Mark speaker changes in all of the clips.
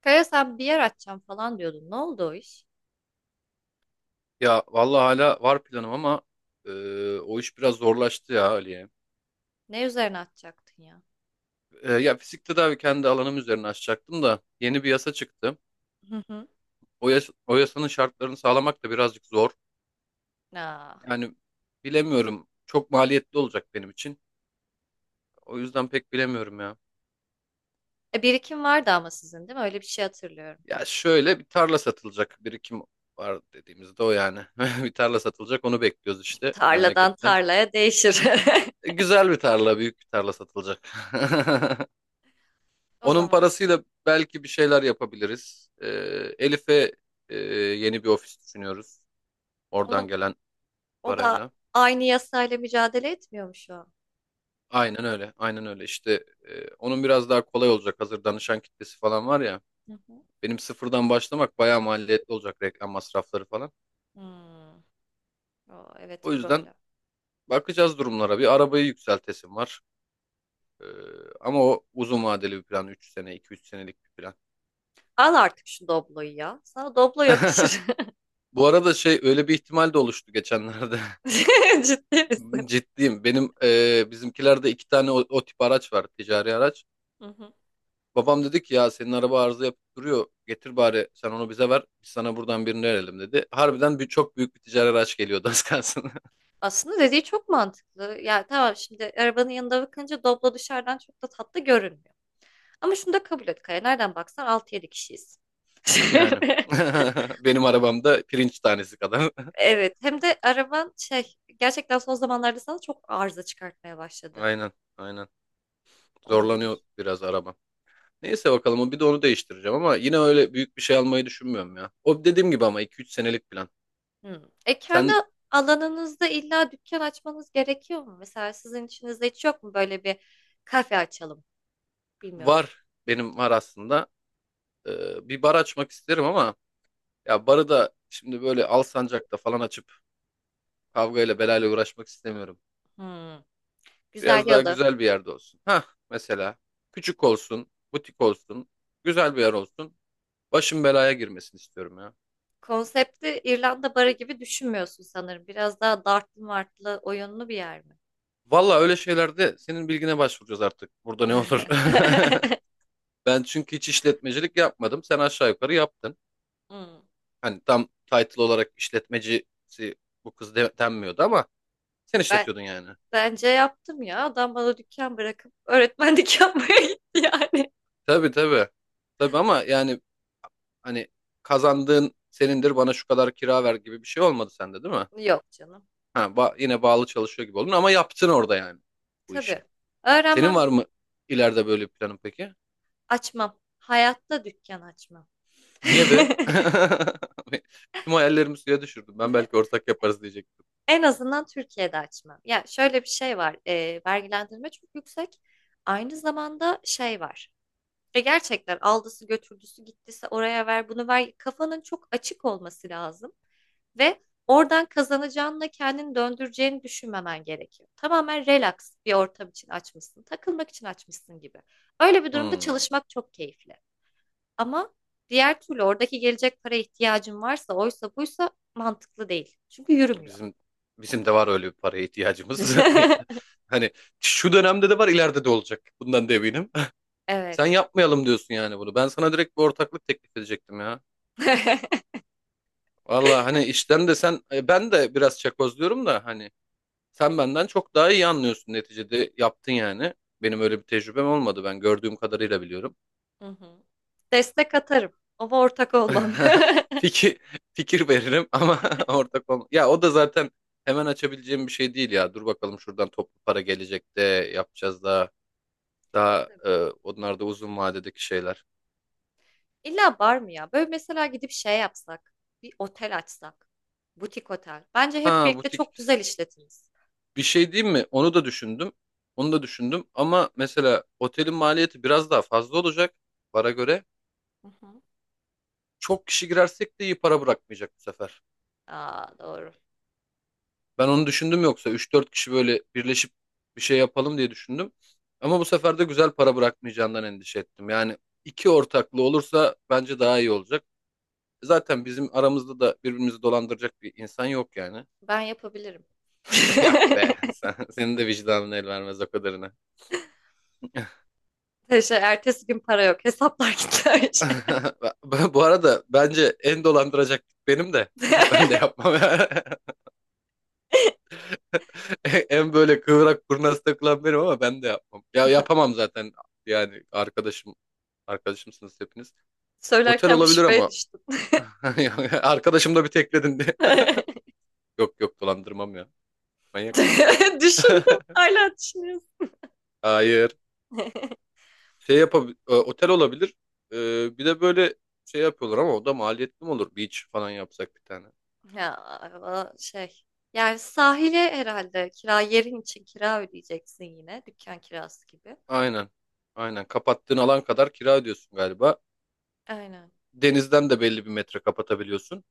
Speaker 1: Kaya sen bir yer açacağım falan diyordun. Ne oldu o iş?
Speaker 2: Ya vallahi hala var planım ama e, o iş biraz zorlaştı ya Ali'ye.
Speaker 1: Ne üzerine açacaktın ya?
Speaker 2: Ya fizik tedavi kendi alanım üzerine açacaktım da yeni bir yasa çıktı.
Speaker 1: Hı hı.
Speaker 2: O yasanın şartlarını sağlamak da birazcık zor.
Speaker 1: Aa.
Speaker 2: Yani bilemiyorum. Çok maliyetli olacak benim için. O yüzden pek bilemiyorum ya.
Speaker 1: Birikim vardı ama sizin değil mi? Öyle bir şey hatırlıyorum.
Speaker 2: Ya şöyle bir tarla satılacak. Birikim var dediğimizde o yani. Bir tarla satılacak onu bekliyoruz işte
Speaker 1: Tarladan
Speaker 2: memleketten.
Speaker 1: tarlaya değişir.
Speaker 2: Güzel bir tarla, büyük bir tarla satılacak.
Speaker 1: O
Speaker 2: Onun
Speaker 1: zaman
Speaker 2: parasıyla belki bir şeyler yapabiliriz. Elif'e yeni bir ofis düşünüyoruz. Oradan
Speaker 1: onun
Speaker 2: gelen
Speaker 1: o da
Speaker 2: parayla.
Speaker 1: aynı yasayla mücadele etmiyor mu şu an?
Speaker 2: Aynen öyle, aynen öyle. İşte onun biraz daha kolay olacak. Hazır danışan kitlesi falan var ya.
Speaker 1: Hı hı.
Speaker 2: Benim sıfırdan başlamak bayağı maliyetli olacak, reklam masrafları falan.
Speaker 1: Hmm. O, evet
Speaker 2: O yüzden
Speaker 1: problem.
Speaker 2: bakacağız durumlara. Bir arabayı yükseltesim var. Ee, ama o uzun vadeli bir plan. Üç sene, iki üç senelik bir plan.
Speaker 1: Al artık şu Doblo'yu ya. Sana Doblo yakışır.
Speaker 2: Bu arada şey, öyle bir ihtimal de oluştu geçenlerde.
Speaker 1: Ciddi misin?
Speaker 2: Ciddiyim. Benim bizimkilerde iki tane o tip araç var. Ticari araç.
Speaker 1: Hı hı.
Speaker 2: Babam dedi ki ya senin araba arıza yapıp duruyor. Getir bari sen onu bize ver. Biz sana buradan birini verelim dedi. Harbiden bir, çok büyük bir ticari araç geliyordu az kalsın.
Speaker 1: Aslında dediği çok mantıklı. Ya tamam, şimdi arabanın yanında bakınca Doblo dışarıdan çok da tatlı görünmüyor. Ama şunu da kabul et Kaya. Nereden baksan altı yedi kişiyiz.
Speaker 2: Yani. Benim arabamda pirinç tanesi kadar.
Speaker 1: Evet. Hem de araban şey gerçekten son zamanlarda sana çok arıza çıkartmaya başladı.
Speaker 2: Aynen. Aynen. Zorlanıyor
Speaker 1: Olabilir.
Speaker 2: biraz araba. Neyse bakalım o bir de onu değiştireceğim ama yine öyle büyük bir şey almayı düşünmüyorum ya. O dediğim gibi, ama iki üç senelik plan.
Speaker 1: Hmm. E kendi
Speaker 2: Sen
Speaker 1: alanınızda illa dükkan açmanız gerekiyor mu? Mesela sizin içinizde hiç yok mu böyle bir kafe açalım? Bilmiyorum.
Speaker 2: var. Benim var aslında. Bir bar açmak isterim ama ya barı da şimdi böyle Alsancak'ta falan açıp kavgayla belayla uğraşmak istemiyorum.
Speaker 1: Hmm. Güzel
Speaker 2: Biraz daha
Speaker 1: yalı.
Speaker 2: güzel bir yerde olsun. Hah mesela küçük olsun, butik olsun, güzel bir yer olsun. Başım belaya girmesin istiyorum ya.
Speaker 1: Konsepti İrlanda barı gibi düşünmüyorsun sanırım. Biraz daha dartlı martlı oyunlu bir yer mi?
Speaker 2: Valla öyle şeylerde senin bilgine başvuracağız artık. Burada ne olur? Ben çünkü hiç işletmecilik yapmadım. Sen aşağı yukarı yaptın.
Speaker 1: Hmm.
Speaker 2: Hani tam title olarak işletmecisi denmiyordu ama sen
Speaker 1: Ben
Speaker 2: işletiyordun yani.
Speaker 1: Bence yaptım ya. Adam bana dükkan bırakıp öğretmenlik yapmaya gitti yani.
Speaker 2: Tabii tabii. Tabii ama yani, hani, kazandığın senindir bana şu kadar kira ver gibi bir şey olmadı sende değil mi?
Speaker 1: Yok canım.
Speaker 2: Yine bağlı çalışıyor gibi oldun ama yaptın orada yani bu işi.
Speaker 1: Tabii.
Speaker 2: Senin
Speaker 1: Öğrenmem,
Speaker 2: var mı ileride böyle bir planın peki?
Speaker 1: açmam. Hayatta dükkan açmam.
Speaker 2: Niye be? Tüm hayallerimi suya düşürdüm. Ben belki ortak yaparız diyecektim.
Speaker 1: En azından Türkiye'de açmam. Ya şöyle bir şey var. Vergilendirme çok yüksek. Aynı zamanda şey var. Gerçekten aldısı götürdüsü gittisi, oraya ver bunu ver. Kafanın çok açık olması lazım. Ve oradan kazanacağınla kendini döndüreceğini düşünmemen gerekiyor. Tamamen relax bir ortam için açmışsın, takılmak için açmışsın gibi. Öyle bir durumda
Speaker 2: Hmm,
Speaker 1: çalışmak çok keyifli. Ama diğer türlü oradaki gelecek para ihtiyacın varsa, oysa buysa mantıklı değil. Çünkü yürümüyor.
Speaker 2: bizim bizim de var öyle bir paraya ihtiyacımız. Hani şu dönemde de var, ileride de olacak. Bundan da eminim. Sen
Speaker 1: Evet.
Speaker 2: yapmayalım diyorsun yani bunu. Ben sana direkt bir ortaklık teklif edecektim ya. Valla hani işten de sen, ben de biraz çakozluyorum da hani sen benden çok daha iyi anlıyorsun neticede, yaptın yani. Benim öyle bir tecrübem olmadı, ben gördüğüm kadarıyla biliyorum.
Speaker 1: Hı hı. Destek atarım ama ortak olmam.
Speaker 2: Fikir fikir veririm ama ortak olma. Ya o da zaten hemen açabileceğim bir şey değil ya. Dur bakalım şuradan toplu para gelecek de yapacağız daha. Daha
Speaker 1: Tabii.
Speaker 2: onlar da uzun vadedeki şeyler.
Speaker 1: İlla bar mı ya? Böyle mesela gidip şey yapsak, bir otel açsak, butik otel. Bence hep
Speaker 2: Ha,
Speaker 1: birlikte
Speaker 2: butik
Speaker 1: çok güzel işletiriz.
Speaker 2: bir şey değil mi? Onu da düşündüm. Onu da düşündüm ama mesela otelin maliyeti biraz daha fazla olacak. Para göre.
Speaker 1: Hı hı.
Speaker 2: Çok kişi girersek de iyi para bırakmayacak bu sefer.
Speaker 1: Aa, doğru.
Speaker 2: Ben onu
Speaker 1: Doğru.
Speaker 2: düşündüm, yoksa üç dört kişi böyle birleşip bir şey yapalım diye düşündüm. Ama bu sefer de güzel para bırakmayacağından endişe ettim. Yani iki ortaklı olursa bence daha iyi olacak. Zaten bizim aramızda da birbirimizi dolandıracak bir insan yok yani.
Speaker 1: Ben yapabilirim.
Speaker 2: Yok be, senin de vicdanın el vermez o kadarına.
Speaker 1: Şey, ertesi gün para yok. Hesaplar gitti her şey.
Speaker 2: Bu arada bence en dolandıracak benim de. Ben de yapmam. En böyle kıvrak kurnaz takılan benim ama ben de yapmam. Ya yapamam zaten, yani arkadaşımsınız hepiniz. Otel
Speaker 1: Söylerken bir
Speaker 2: olabilir
Speaker 1: şüpheye
Speaker 2: ama
Speaker 1: düştüm.
Speaker 2: yani arkadaşım, da bir tekledin de. Yok yok dolandırmam ya. Manyak mısın?
Speaker 1: Düşündüm. Hala düşünüyorsun.
Speaker 2: Hayır. Şey yapabilir. Otel olabilir. Bir de böyle şey yapıyorlar ama o da maliyetli mi olur? Beach falan yapsak bir tane.
Speaker 1: Ya o şey. Yani sahile herhalde kira, yerin için kira ödeyeceksin yine. Dükkan kirası gibi.
Speaker 2: Aynen. Aynen. Kapattığın alan kadar kira ödüyorsun galiba.
Speaker 1: Aynen.
Speaker 2: Denizden de belli bir metre kapatabiliyorsun.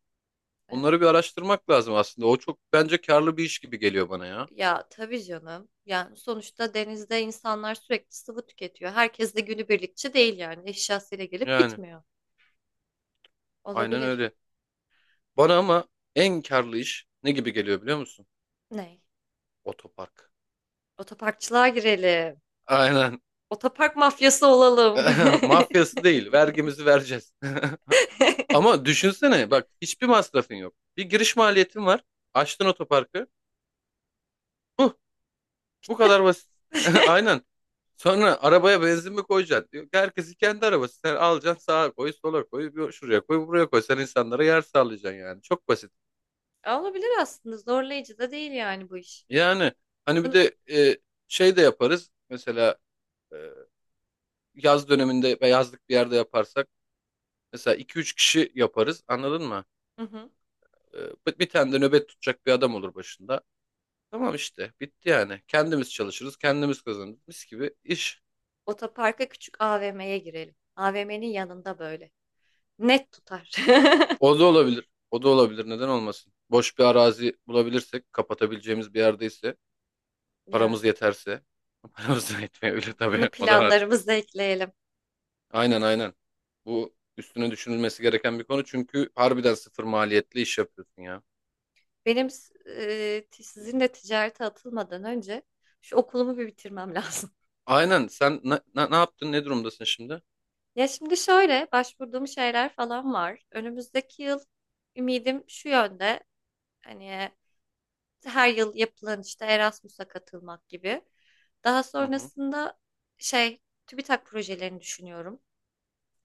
Speaker 1: Evet.
Speaker 2: Onları bir araştırmak lazım aslında. O çok bence karlı bir iş gibi geliyor bana ya.
Speaker 1: Ya tabii canım. Yani sonuçta denizde insanlar sürekli sıvı tüketiyor. Herkes de günübirlikçi değil yani. Eşyasıyla gelip
Speaker 2: Yani
Speaker 1: gitmiyor.
Speaker 2: aynen
Speaker 1: Olabilir.
Speaker 2: öyle. Bana ama en karlı iş ne gibi geliyor biliyor musun?
Speaker 1: Ney?
Speaker 2: Otopark.
Speaker 1: Otoparkçılığa girelim.
Speaker 2: Aynen.
Speaker 1: Otopark mafyası olalım.
Speaker 2: Mafyası değil. Vergimizi vereceğiz. Ama düşünsene bak, hiçbir masrafın yok. Bir giriş maliyetin var. Açtın otoparkı. Huh, bu kadar basit. Aynen. Sonra arabaya benzin mi koyacaksın diyor. Herkesin kendi arabası. Sen alacaksın, sağa koy, sola koy, bir şuraya koy, buraya koy. Sen insanlara yer sağlayacaksın yani. Çok basit.
Speaker 1: Olabilir aslında. Zorlayıcı da değil yani bu iş.
Speaker 2: Yani hani bir
Speaker 1: Bunu-
Speaker 2: de şey de yaparız. Mesela e, yaz döneminde ve yazlık bir yerde yaparsak mesela iki üç kişi yaparız. Anladın mı?
Speaker 1: Hı hı.
Speaker 2: E, bir tane de nöbet tutacak bir adam olur başında. Tamam işte bitti yani. Kendimiz çalışırız, kendimiz kazanırız. Mis gibi iş.
Speaker 1: Otoparka küçük AVM'ye girelim. AVM'nin yanında böyle. Net tutar.
Speaker 2: O da olabilir. O da olabilir. Neden olmasın? Boş bir arazi bulabilirsek, kapatabileceğimiz bir yerdeyse,
Speaker 1: Yani
Speaker 2: paramız yeterse. Paramız da yetmeyebilir tabii.
Speaker 1: bunu
Speaker 2: O da var.
Speaker 1: planlarımıza ekleyelim.
Speaker 2: Aynen aynen. Bu üstüne düşünülmesi gereken bir konu çünkü harbiden sıfır maliyetli iş yapıyorsun ya.
Speaker 1: Sizinle ticarete atılmadan önce şu okulumu bir bitirmem lazım.
Speaker 2: Aynen, sen ne yaptın, ne durumdasın şimdi?
Speaker 1: Ya şimdi şöyle başvurduğum şeyler falan var. Önümüzdeki yıl ümidim şu yönde. Hani her yıl yapılan işte Erasmus'a katılmak gibi. Daha
Speaker 2: Hı hı.
Speaker 1: sonrasında şey TÜBİTAK projelerini düşünüyorum.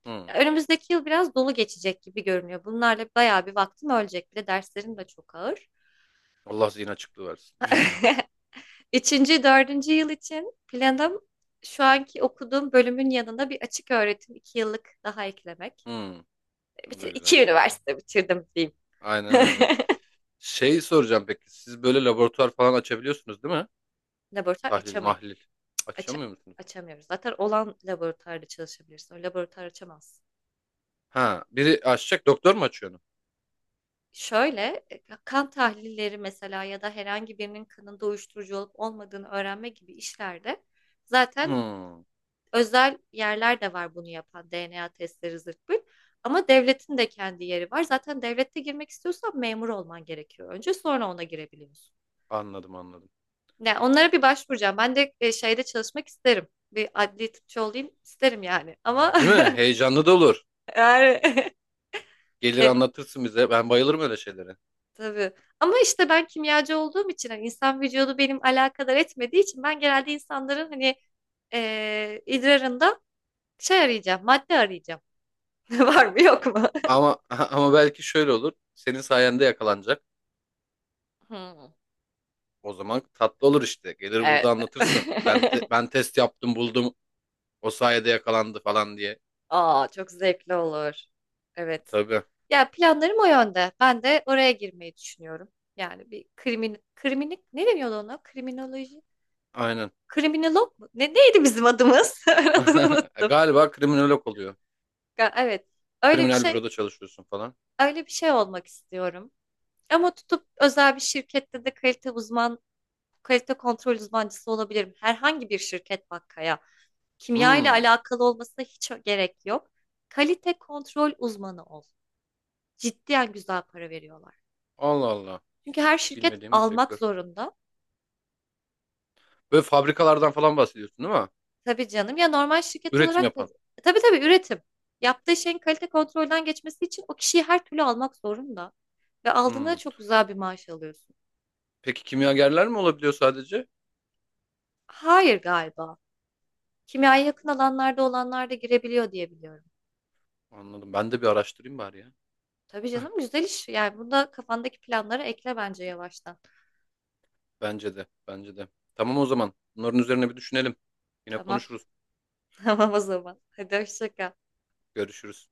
Speaker 2: Hı.
Speaker 1: Ya önümüzdeki yıl biraz dolu geçecek gibi görünüyor. Bunlarla bayağı bir vaktim ölecek. Bir de derslerim de çok ağır.
Speaker 2: Allah zihin açıklığı versin.
Speaker 1: Üçüncü, dördüncü yıl için planım şu anki okuduğum bölümün yanında bir açık öğretim iki yıllık daha eklemek.
Speaker 2: Hı. O da
Speaker 1: Bitir,
Speaker 2: güzel.
Speaker 1: iki üniversite bitirdim diyeyim.
Speaker 2: Aynen öyle. Şey soracağım, peki siz böyle laboratuvar falan açabiliyorsunuz değil mi?
Speaker 1: Laboratuvar
Speaker 2: Tahlil,
Speaker 1: açamıyor.
Speaker 2: mahlil.
Speaker 1: aça-
Speaker 2: Açamıyor musunuz?
Speaker 1: açamıyoruz. Zaten olan laboratuvarda çalışabilirsin. O laboratuvar açamaz.
Speaker 2: Ha, biri açacak, doktor mu açıyor onu?
Speaker 1: Şöyle kan tahlilleri mesela, ya da herhangi birinin kanında uyuşturucu olup olmadığını öğrenme gibi işlerde zaten
Speaker 2: Hı.
Speaker 1: özel yerler de var bunu yapan, DNA testleri zırt pırt. Ama devletin de kendi yeri var. Zaten devlette girmek istiyorsan memur olman gerekiyor. Önce, sonra ona girebiliyorsun.
Speaker 2: Anladım anladım.
Speaker 1: Yani onlara bir başvuracağım. Ben de şeyde çalışmak isterim. Bir adli tıpçı olayım isterim yani. Ama
Speaker 2: Değil mi? Heyecanlı da olur.
Speaker 1: yani
Speaker 2: Gelir
Speaker 1: e,
Speaker 2: anlatırsın bize. Ben bayılırım öyle şeylere.
Speaker 1: tabii. Ama işte ben kimyacı olduğum için hani insan vücudu benim alakadar etmediği için ben genelde insanların hani idrarında şey arayacağım, madde arayacağım. Var mı yok mu?
Speaker 2: Ama ama belki şöyle olur. Senin sayende yakalanacak.
Speaker 1: Hmm.
Speaker 2: O zaman tatlı olur işte. Gelir
Speaker 1: Evet.
Speaker 2: burada anlatırsın. Ben test yaptım, buldum. O sayede yakalandı falan diye.
Speaker 1: Aa, çok zevkli olur. Evet.
Speaker 2: Tabii.
Speaker 1: Ya planlarım o yönde. Ben de oraya girmeyi düşünüyorum. Yani bir kriminik ne deniyordu ona? Kriminoloji.
Speaker 2: Aynen.
Speaker 1: Kriminolog mu? Ne neydi bizim adımız? Ben adını unuttum.
Speaker 2: Galiba kriminolog oluyor.
Speaker 1: Ya, evet. Öyle bir
Speaker 2: Kriminal
Speaker 1: şey
Speaker 2: büroda çalışıyorsun falan.
Speaker 1: Öyle bir şey olmak istiyorum. Ama tutup özel bir şirkette de kalite kontrol uzmancısı olabilirim. Herhangi bir şirket bakkaya. Kimya ile
Speaker 2: Hmm.
Speaker 1: alakalı olmasına hiç gerek yok. Kalite kontrol uzmanı ol. Ciddiyen güzel para veriyorlar.
Speaker 2: Allah Allah.
Speaker 1: Çünkü her
Speaker 2: Hiç
Speaker 1: şirket
Speaker 2: bilmediğim bir
Speaker 1: almak
Speaker 2: sektör.
Speaker 1: zorunda.
Speaker 2: Böyle fabrikalardan falan bahsediyorsun değil mi?
Speaker 1: Tabii canım, ya normal şirket
Speaker 2: Üretim
Speaker 1: olarak da
Speaker 2: yapan.
Speaker 1: tabii üretim. Yaptığı şeyin kalite kontrolden geçmesi için o kişiyi her türlü almak zorunda. Ve aldığında da
Speaker 2: Hmm.
Speaker 1: çok güzel bir maaş alıyorsun.
Speaker 2: Peki kimyagerler mi olabiliyor sadece?
Speaker 1: Hayır galiba. Kimyaya yakın alanlarda olanlar da girebiliyor diye biliyorum.
Speaker 2: Anladım. Ben de bir araştırayım bari ya.
Speaker 1: Tabii canım güzel iş. Yani bunda kafandaki planları ekle bence yavaştan.
Speaker 2: Bence de. Bence de. Tamam o zaman. Bunların üzerine bir düşünelim. Yine
Speaker 1: Tamam.
Speaker 2: konuşuruz.
Speaker 1: Tamam o zaman. Hadi hoşça kal.
Speaker 2: Görüşürüz.